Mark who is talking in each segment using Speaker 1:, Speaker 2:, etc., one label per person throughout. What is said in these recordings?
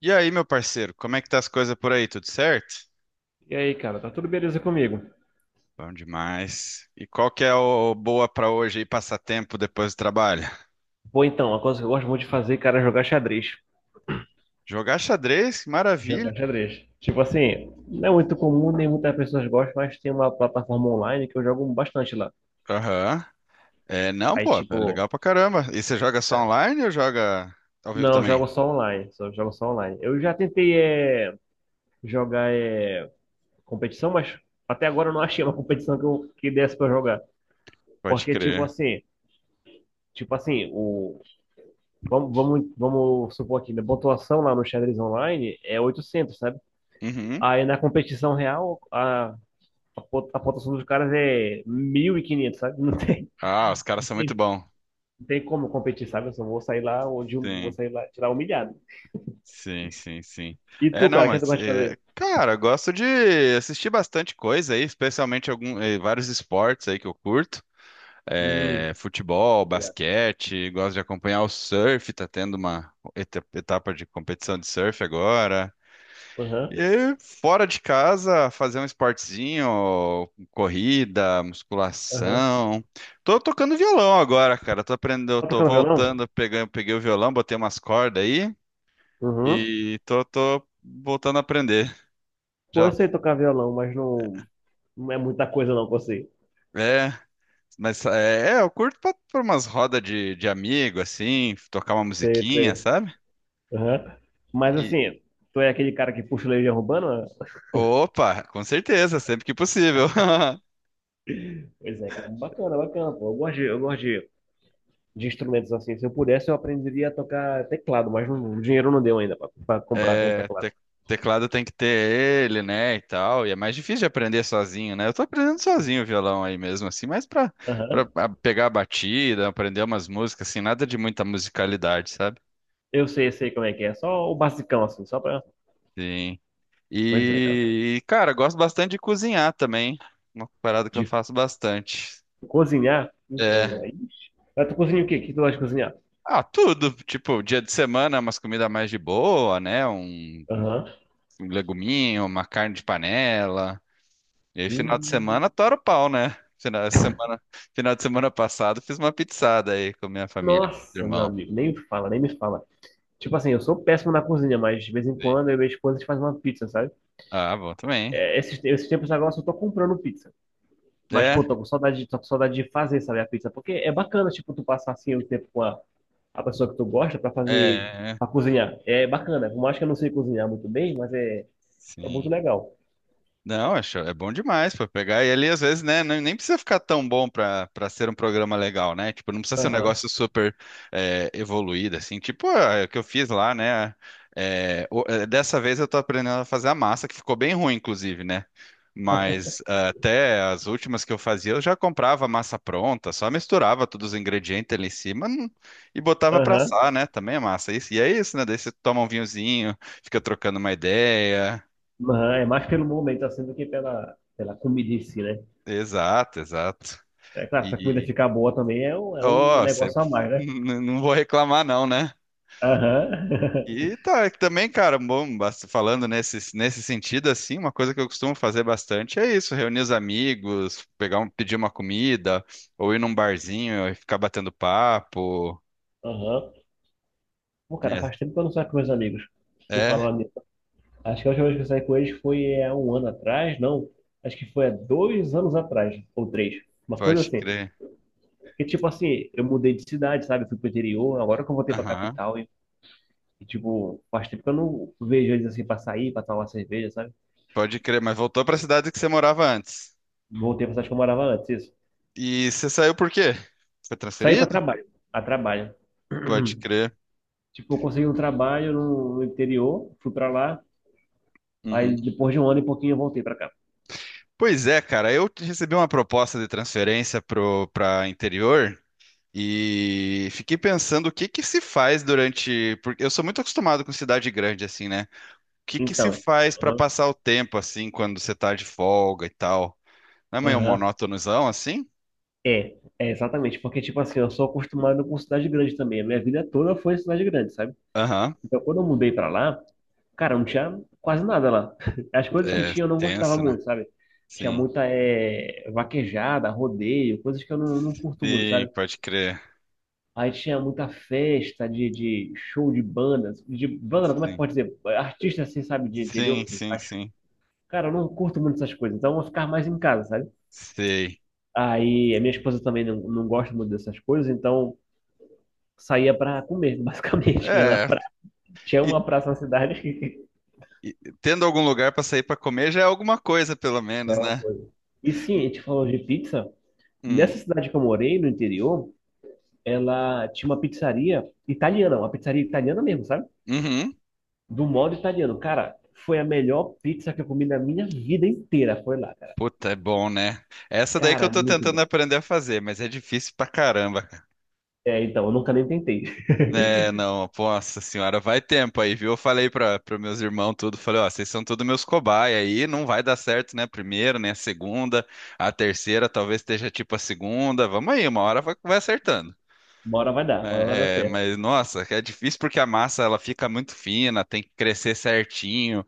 Speaker 1: E aí, meu parceiro, como é que tá as coisas por aí? Tudo certo?
Speaker 2: E aí, cara, tá tudo beleza comigo?
Speaker 1: Bom demais. E qual que é o boa pra hoje aí, passatempo depois do trabalho?
Speaker 2: Bom, então, a coisa que eu gosto muito de fazer, cara, é jogar xadrez.
Speaker 1: Jogar xadrez, que maravilha.
Speaker 2: Jogar xadrez. Tipo assim, não é muito comum, nem muitas pessoas gostam, mas tem uma plataforma online que eu jogo bastante lá.
Speaker 1: Aham. É, não,
Speaker 2: Aí,
Speaker 1: pô, é
Speaker 2: tipo,
Speaker 1: legal pra caramba. E você joga só online ou joga ao vivo
Speaker 2: não, eu
Speaker 1: também?
Speaker 2: jogo só online, só jogo só online. Eu já tentei jogar competição, mas até agora eu não achei uma competição que, eu, que desse pra jogar.
Speaker 1: Pode
Speaker 2: Porque, tipo
Speaker 1: crer.
Speaker 2: assim, tipo assim, o, vamos supor aqui, a pontuação lá no xadrez online é 800, sabe?
Speaker 1: Uhum.
Speaker 2: Aí na competição real, a pontuação dos caras é 1.500, sabe?
Speaker 1: Ah, os caras
Speaker 2: Não
Speaker 1: são muito
Speaker 2: tem,
Speaker 1: bons.
Speaker 2: não tem como competir, sabe? Eu só vou sair lá onde eu vou
Speaker 1: Sim,
Speaker 2: sair lá, tirar humilhado.
Speaker 1: sim, sim, sim.
Speaker 2: E
Speaker 1: É,
Speaker 2: tu,
Speaker 1: não,
Speaker 2: cara, o que tu
Speaker 1: mas,
Speaker 2: gosta de
Speaker 1: é,
Speaker 2: fazer?
Speaker 1: cara, eu gosto de assistir bastante coisa aí, especialmente algum, vários esportes aí que eu curto.
Speaker 2: Hum,
Speaker 1: É, futebol,
Speaker 2: obrigado.
Speaker 1: basquete, gosto de acompanhar o surf, tá tendo uma etapa de competição de surf agora.
Speaker 2: Aham,
Speaker 1: E fora de casa, fazer um esportezinho, corrida,
Speaker 2: aham.
Speaker 1: musculação. Tô tocando violão agora, cara. Tô aprendendo,
Speaker 2: Tá
Speaker 1: tô
Speaker 2: tocando violão?
Speaker 1: voltando, pegando, peguei o violão, botei umas cordas aí
Speaker 2: Uhum.
Speaker 1: e tô voltando a aprender.
Speaker 2: Pô, eu
Speaker 1: Já
Speaker 2: sei tocar violão, mas não, não é muita coisa não, você.
Speaker 1: é, mas é, eu curto pra, pra umas rodas de amigo, assim, tocar uma
Speaker 2: Sei,
Speaker 1: musiquinha,
Speaker 2: sei.
Speaker 1: sabe?
Speaker 2: Aham. Mas assim, tu é aquele cara que puxa o leite de urbana?
Speaker 1: Opa, com certeza, sempre que possível.
Speaker 2: Pois é, cara. Bacana, bacana, pô. Eu gosto de instrumentos assim. Se eu pudesse, eu aprenderia a tocar teclado, mas o dinheiro não deu ainda para comprar um
Speaker 1: É,
Speaker 2: teclado.
Speaker 1: teclado tem que ter ele, né, e tal. E é mais difícil de aprender sozinho, né? Eu tô aprendendo sozinho o violão aí mesmo, assim, mas pra, pra
Speaker 2: Aham.
Speaker 1: a- pegar a batida, aprender umas músicas, assim, nada de muita musicalidade, sabe?
Speaker 2: Eu sei, sei como é que é. Só o basicão, assim, só pra.
Speaker 1: Sim.
Speaker 2: Pois é, cara.
Speaker 1: E, cara, gosto bastante de cozinhar também. Uma parada que eu
Speaker 2: De
Speaker 1: faço bastante.
Speaker 2: cozinhar, então,
Speaker 1: É.
Speaker 2: aí. Ah, tu cozinha o quê? O que tu gosta de cozinhar?
Speaker 1: Ah, tudo. Tipo, dia de semana, umas comidas mais de boa, né? Um
Speaker 2: Aham.
Speaker 1: um leguminho, uma carne de panela. E aí, final de
Speaker 2: Hum,
Speaker 1: semana, tora o pau, né? Final de semana, final de semana passado, fiz uma pizzada aí com minha família, com meu
Speaker 2: nossa, meu
Speaker 1: irmão.
Speaker 2: amigo, nem me fala, nem me fala. Tipo assim, eu sou péssimo na cozinha, mas de vez em quando eu e minha esposa a gente faz uma pizza, sabe?
Speaker 1: Ah, bom também.
Speaker 2: É, esses tempos agora eu só tô comprando pizza. Mas, pô,
Speaker 1: É,
Speaker 2: tô com saudade, tô com saudade de fazer, sabe, a pizza. Porque é bacana, tipo, tu passar assim o tempo com a pessoa que tu gosta para fazer,
Speaker 1: é,
Speaker 2: pra cozinhar. É bacana. Por mais que eu não sei cozinhar muito bem, mas é, é muito
Speaker 1: sim.
Speaker 2: legal.
Speaker 1: Não, acho, é bom demais para pegar. E ali, às vezes, né, nem precisa ficar tão bom para ser um programa legal, né? Tipo, não precisa ser um
Speaker 2: Aham,
Speaker 1: negócio super evoluído, assim. Tipo, ah, é o que eu fiz lá, né? É, dessa vez eu tô aprendendo a fazer a massa, que ficou bem ruim, inclusive, né? Mas até as últimas que eu fazia, eu já comprava a massa pronta, só misturava todos os ingredientes ali em cima, e botava pra
Speaker 2: aham,
Speaker 1: assar, né? Também a massa. Isso, e é isso, né? Daí você toma um vinhozinho, fica trocando uma ideia.
Speaker 2: aham. É mais pelo momento assim do que pela comida em si, né?
Speaker 1: Exato, exato.
Speaker 2: É claro, se a comida
Speaker 1: E,
Speaker 2: ficar boa também é um
Speaker 1: ó,
Speaker 2: negócio a mais, né?
Speaker 1: não vou reclamar não, né?
Speaker 2: Aham,
Speaker 1: E tá, também, cara, bom, falando nesse sentido, assim, uma coisa que eu costumo fazer bastante é isso, reunir os amigos, pegar um, pedir uma comida, ou ir num barzinho e ficar batendo papo,
Speaker 2: aham. Pô, cara,
Speaker 1: né?
Speaker 2: faz tempo que eu não saio com meus amigos. Vou
Speaker 1: É,
Speaker 2: falar nisso. Acho que a última vez que eu saí com eles foi há um ano atrás, não. Acho que foi há 2 anos atrás, ou três. Uma
Speaker 1: pode
Speaker 2: coisa assim.
Speaker 1: crer.
Speaker 2: Porque, tipo assim, eu mudei de cidade, sabe? Eu fui pro interior, agora que eu voltei pra
Speaker 1: Aham,
Speaker 2: capital e, tipo, faz tempo que eu não vejo eles assim pra sair, pra tomar uma cerveja, sabe?
Speaker 1: pode crer, mas voltou pra cidade que você morava antes.
Speaker 2: Voltei pra cidade que eu morava antes, isso.
Speaker 1: E você saiu por quê? Foi
Speaker 2: Saí pra
Speaker 1: transferido?
Speaker 2: trabalho, a trabalho.
Speaker 1: Pode crer.
Speaker 2: Tipo, eu consegui um trabalho no interior, fui pra lá,
Speaker 1: Uhum.
Speaker 2: aí depois de um ano e pouquinho eu voltei pra cá.
Speaker 1: Pois é, cara, eu recebi uma proposta de transferência pro para interior e fiquei pensando o que que se faz durante, porque eu sou muito acostumado com cidade grande assim, né? O que que se
Speaker 2: Então,
Speaker 1: faz para
Speaker 2: aham,
Speaker 1: passar o tempo assim quando você tá de folga e tal? Não é meio
Speaker 2: aham.
Speaker 1: monótonozão assim?
Speaker 2: É, é exatamente, porque, tipo assim, eu sou acostumado com cidade grande também. A minha vida toda foi cidade grande, sabe?
Speaker 1: Aham.
Speaker 2: Então, quando eu mudei pra lá, cara, não tinha quase nada lá. As coisas que
Speaker 1: É
Speaker 2: tinha eu não gostava
Speaker 1: tenso, né?
Speaker 2: muito, sabe? Tinha
Speaker 1: Sim.
Speaker 2: muita vaquejada, rodeio, coisas que eu não curto muito,
Speaker 1: Sim,
Speaker 2: sabe?
Speaker 1: pode crer.
Speaker 2: Aí tinha muita festa de show de bandas, de banda, como é que
Speaker 1: Sim.
Speaker 2: pode dizer? Artista assim, sabe, de interior
Speaker 1: Sim,
Speaker 2: que
Speaker 1: sim,
Speaker 2: faz.
Speaker 1: sim.
Speaker 2: Cara, eu não curto muito essas coisas, então eu vou ficar mais em casa, sabe?
Speaker 1: Sei.
Speaker 2: Aí a minha esposa também não gosta muito dessas coisas, então saía pra comer, basicamente. Ia na
Speaker 1: É,
Speaker 2: pra... Tinha
Speaker 1: e,
Speaker 2: uma praça na cidade.
Speaker 1: e tendo algum lugar para sair para comer já é alguma coisa pelo
Speaker 2: É
Speaker 1: menos,
Speaker 2: uma
Speaker 1: né?
Speaker 2: coisa. E sim, a gente falou de pizza.
Speaker 1: Hum.
Speaker 2: Nessa cidade que eu morei, no interior, ela tinha uma pizzaria italiana mesmo, sabe?
Speaker 1: Uhum.
Speaker 2: Do modo italiano. Cara, foi a melhor pizza que eu comi na minha vida inteira. Foi lá, cara.
Speaker 1: Puta, é bom, né? Essa daí que
Speaker 2: Cara,
Speaker 1: eu
Speaker 2: é
Speaker 1: tô
Speaker 2: muito
Speaker 1: tentando
Speaker 2: bom.
Speaker 1: aprender a fazer, mas é difícil pra caramba, cara.
Speaker 2: É, então, eu nunca nem tentei.
Speaker 1: É, não, nossa senhora, vai tempo aí, viu? Eu falei pra meus irmãos tudo, falei, ó, vocês são todos meus cobaia aí, não vai dar certo, né? A primeira, né? A segunda, a terceira, talvez esteja tipo a segunda, vamos aí, uma hora vai acertando.
Speaker 2: Uma hora vai dar, uma hora vai dar
Speaker 1: É,
Speaker 2: certo.
Speaker 1: mas, nossa, é difícil porque a massa, ela fica muito fina, tem que crescer certinho.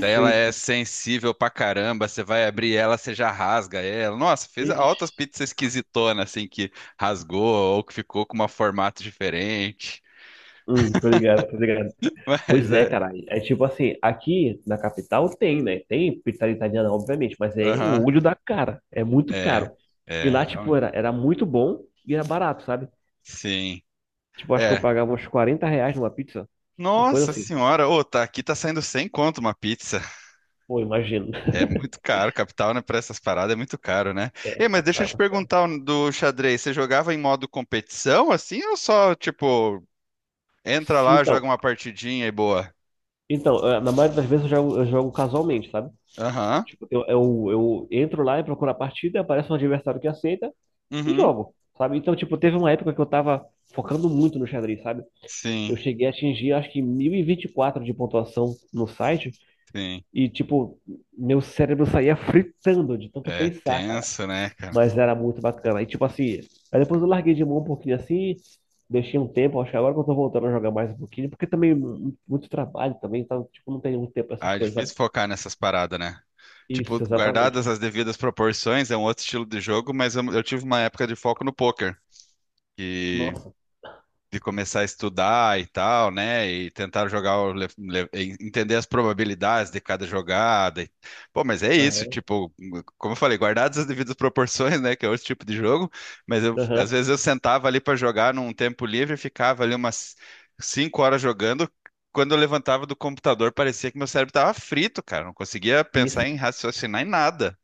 Speaker 1: Daí ela é
Speaker 2: isso.
Speaker 1: sensível pra caramba, você vai abrir ela, você já rasga ela. Nossa, fez
Speaker 2: Ixi.
Speaker 1: altas pizzas esquisitonas, assim, que rasgou ou que ficou com um formato diferente.
Speaker 2: Tô ligado, tô ligado. Pois
Speaker 1: Mas
Speaker 2: é,
Speaker 1: é,
Speaker 2: cara. É tipo assim, aqui na capital tem, né? Tem pizzaria italiana, obviamente, mas é o
Speaker 1: aham,
Speaker 2: olho da cara. É muito
Speaker 1: é,
Speaker 2: caro. E
Speaker 1: é,
Speaker 2: lá, tipo,
Speaker 1: realmente.
Speaker 2: era, era muito bom e era barato, sabe?
Speaker 1: Sim,
Speaker 2: Tipo, acho que eu
Speaker 1: é.
Speaker 2: pagava uns 40 reais numa pizza. Uma coisa
Speaker 1: Nossa
Speaker 2: assim.
Speaker 1: senhora, ô, tá aqui tá saindo 100 conto uma pizza.
Speaker 2: Pô, imagino.
Speaker 1: É muito caro, capital, né, pra essas paradas é muito caro, né? Ei,
Speaker 2: É,
Speaker 1: mas deixa
Speaker 2: capital
Speaker 1: eu
Speaker 2: é
Speaker 1: te
Speaker 2: muito caro.
Speaker 1: perguntar um do xadrez, você jogava em modo competição, assim, ou só, tipo, entra
Speaker 2: Sim,
Speaker 1: lá, joga
Speaker 2: então.
Speaker 1: uma partidinha e boa?
Speaker 2: Então, na maioria das vezes eu jogo casualmente, sabe?
Speaker 1: Aham.
Speaker 2: Tipo, eu entro lá e procuro a partida, aparece um adversário que aceita e
Speaker 1: Uhum.
Speaker 2: jogo, sabe? Então, tipo, teve uma época que eu tava focando muito no xadrez, sabe?
Speaker 1: Sim,
Speaker 2: Eu cheguei a atingir, acho que 1.024 de pontuação no site.
Speaker 1: sim.
Speaker 2: E, tipo, meu cérebro saía fritando de tanto
Speaker 1: É
Speaker 2: pensar, cara.
Speaker 1: tenso, né, cara?
Speaker 2: Mas era muito bacana. E, tipo assim, aí depois eu larguei de mão um pouquinho assim. Deixei um tempo, acho que agora que eu tô voltando a jogar mais um pouquinho. Porque também, muito trabalho também, então, tipo, não tem muito tempo pra essas
Speaker 1: Ah, é
Speaker 2: coisas, sabe?
Speaker 1: difícil focar nessas paradas, né? Tipo,
Speaker 2: Isso, exatamente.
Speaker 1: guardadas as devidas proporções, é um outro estilo de jogo, mas eu tive uma época de foco no poker.
Speaker 2: Nossa,
Speaker 1: De começar a estudar e tal, né? E tentar jogar, e entender as probabilidades de cada jogada. Pô, mas é isso,
Speaker 2: aham,
Speaker 1: tipo, como eu falei, guardadas as devidas proporções, né? Que é outro tipo de jogo, mas às
Speaker 2: aham,
Speaker 1: vezes eu sentava ali para jogar num tempo livre e ficava ali umas 5 horas jogando. Quando eu levantava do computador, parecia que meu cérebro estava frito, cara. Não conseguia pensar
Speaker 2: isso,
Speaker 1: em raciocinar em nada.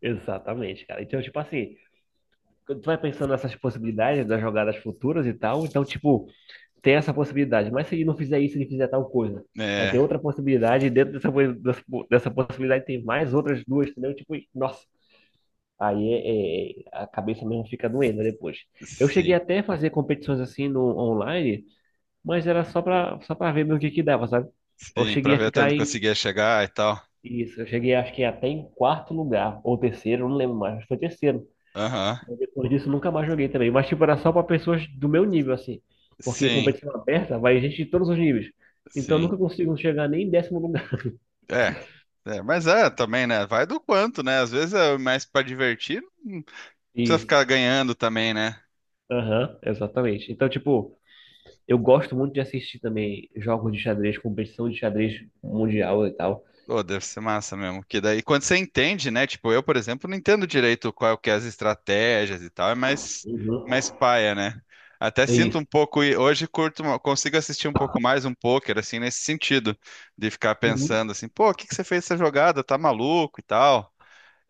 Speaker 2: exatamente, cara. Então, tipo assim, quando tu vai pensando nessas possibilidades das jogadas futuras e tal, então, tipo, tem essa possibilidade, mas se ele não fizer isso, ele fizer tal coisa. Aí tem
Speaker 1: É,
Speaker 2: outra possibilidade, e dentro dessa, dessa possibilidade tem mais outras duas, entendeu? Tipo, nossa, aí a cabeça mesmo fica doendo depois. Eu cheguei
Speaker 1: sim,
Speaker 2: até a fazer competições assim no online, mas era só pra ver mesmo o que que dava, sabe? Eu
Speaker 1: sim, pra
Speaker 2: cheguei a
Speaker 1: ver até
Speaker 2: ficar
Speaker 1: onde
Speaker 2: em,
Speaker 1: conseguia chegar e tal.
Speaker 2: isso, eu cheguei acho que até em quarto lugar, ou terceiro, não lembro mais, acho que foi terceiro.
Speaker 1: Aham.
Speaker 2: Depois disso, nunca mais joguei também. Mas, tipo, era só pra pessoas do meu nível, assim. Porque
Speaker 1: Sim,
Speaker 2: competição aberta vai gente de todos os níveis. Então, eu
Speaker 1: sim.
Speaker 2: nunca consigo chegar nem em décimo lugar.
Speaker 1: É, é, mas é também, né? Vai do quanto, né? Às vezes é mais pra divertir, não precisa
Speaker 2: Isso.
Speaker 1: ficar ganhando também, né?
Speaker 2: Aham, exatamente. Então, tipo, eu gosto muito de assistir também jogos de xadrez, competição de xadrez mundial e tal.
Speaker 1: Pô, deve ser massa mesmo. Que daí, quando você entende, né? Tipo, eu, por exemplo, não entendo direito qual que é as estratégias e tal, é mais
Speaker 2: Uhum.
Speaker 1: paia, né? Até
Speaker 2: É
Speaker 1: sinto
Speaker 2: isso.
Speaker 1: um pouco, e hoje curto, consigo assistir um pouco mais um poker, assim, nesse sentido, de ficar
Speaker 2: Uhum.
Speaker 1: pensando assim, pô, o que que você fez essa jogada? Tá maluco e tal.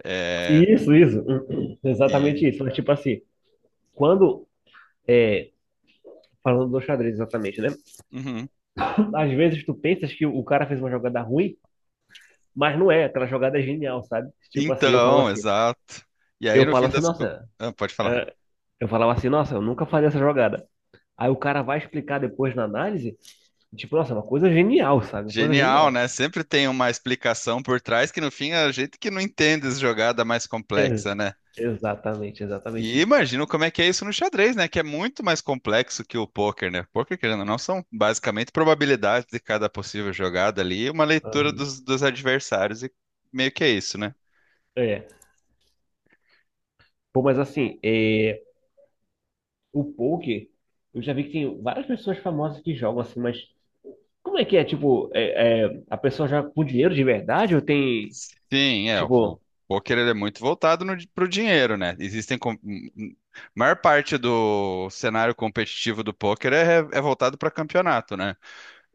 Speaker 1: É,
Speaker 2: Isso, isso. Uhum.
Speaker 1: e.
Speaker 2: Exatamente isso. Mas, tipo assim, quando. É, falando do xadrez, exatamente, né?
Speaker 1: uhum.
Speaker 2: Às vezes tu pensas que o cara fez uma jogada ruim. Mas não é, aquela jogada é genial, sabe? Tipo assim,
Speaker 1: Então, exato. E aí,
Speaker 2: eu
Speaker 1: no
Speaker 2: falo
Speaker 1: fim
Speaker 2: assim,
Speaker 1: das... co-
Speaker 2: nossa,
Speaker 1: ah, pode falar.
Speaker 2: é, eu falava assim, nossa, eu nunca faria essa jogada. Aí o cara vai explicar depois na análise, tipo, nossa, é uma coisa genial, sabe? Uma coisa
Speaker 1: Genial,
Speaker 2: genial.
Speaker 1: né? Sempre tem uma explicação por trás que, no fim, é a gente que não entende essa jogada mais complexa,
Speaker 2: É,
Speaker 1: né?
Speaker 2: exatamente, exatamente
Speaker 1: E
Speaker 2: isso, cara.
Speaker 1: imagino como é que é isso no xadrez, né? Que é muito mais complexo que o poker, né? Poker, querendo ou não, são basicamente probabilidades de cada possível jogada ali e uma leitura
Speaker 2: Aham.
Speaker 1: dos adversários. E meio que é isso, né?
Speaker 2: É. Pô, mas assim, é, o poker, eu já vi que tem várias pessoas famosas que jogam assim, mas como é que é? Tipo, a pessoa joga com dinheiro de verdade ou tem,
Speaker 1: Sim, é, o
Speaker 2: tipo,
Speaker 1: o poker ele é muito voltado no, pro dinheiro, né? Existem maior parte do cenário competitivo do poker é voltado para campeonato, né?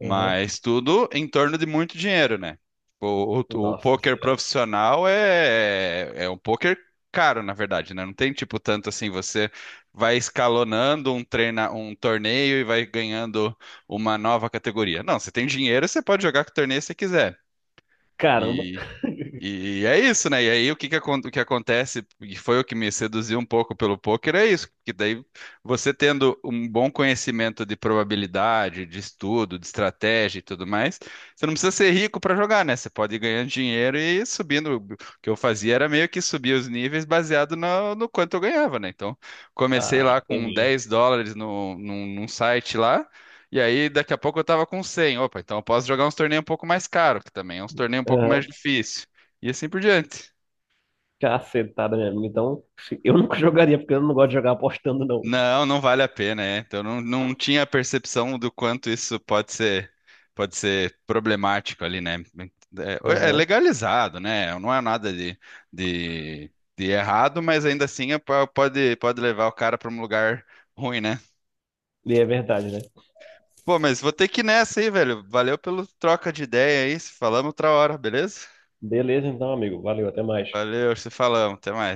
Speaker 2: aham.
Speaker 1: tudo em torno de muito dinheiro, né? O
Speaker 2: Nossa
Speaker 1: poker
Speaker 2: Senhora.
Speaker 1: profissional é um poker caro, na verdade, né? Não tem tipo tanto assim, você vai escalonando um treina, um torneio e vai ganhando uma nova categoria. Não, você tem dinheiro, você pode jogar que torneio você quiser.
Speaker 2: Caramba.
Speaker 1: E é isso, né? E aí o que acontece, e foi o que me seduziu um pouco pelo poker, é isso, que daí você tendo um bom conhecimento de probabilidade, de estudo, de estratégia e tudo mais, você não precisa ser rico para jogar, né? Você pode ir ganhando dinheiro e ir subindo. O que eu fazia era meio que subir os níveis baseado no quanto eu ganhava, né? Então, comecei
Speaker 2: Ah,
Speaker 1: lá com
Speaker 2: entendi.
Speaker 1: US$ 10 no, num, num site lá, e aí daqui a pouco eu tava com 100, opa, então eu posso jogar uns torneios um pouco mais caros, que também é uns torneios um pouco mais
Speaker 2: Aham.
Speaker 1: difíceis. E assim por diante.
Speaker 2: Cacetada mesmo. Então, eu nunca jogaria, porque eu não gosto de jogar apostando, não.
Speaker 1: Não, não vale a pena, é. Então não, não tinha a percepção do quanto isso pode ser problemático ali, né? É, é
Speaker 2: Aham.
Speaker 1: legalizado, né? Não é nada de errado, mas ainda assim é pode levar o cara para um lugar ruim, né?
Speaker 2: E é verdade, né?
Speaker 1: Pô, mas vou ter que ir nessa aí, velho. Valeu pelo troca de ideia aí. Se falamos outra hora, beleza?
Speaker 2: Beleza, então, amigo. Valeu, até mais.
Speaker 1: Valeu, se falamos. Até mais.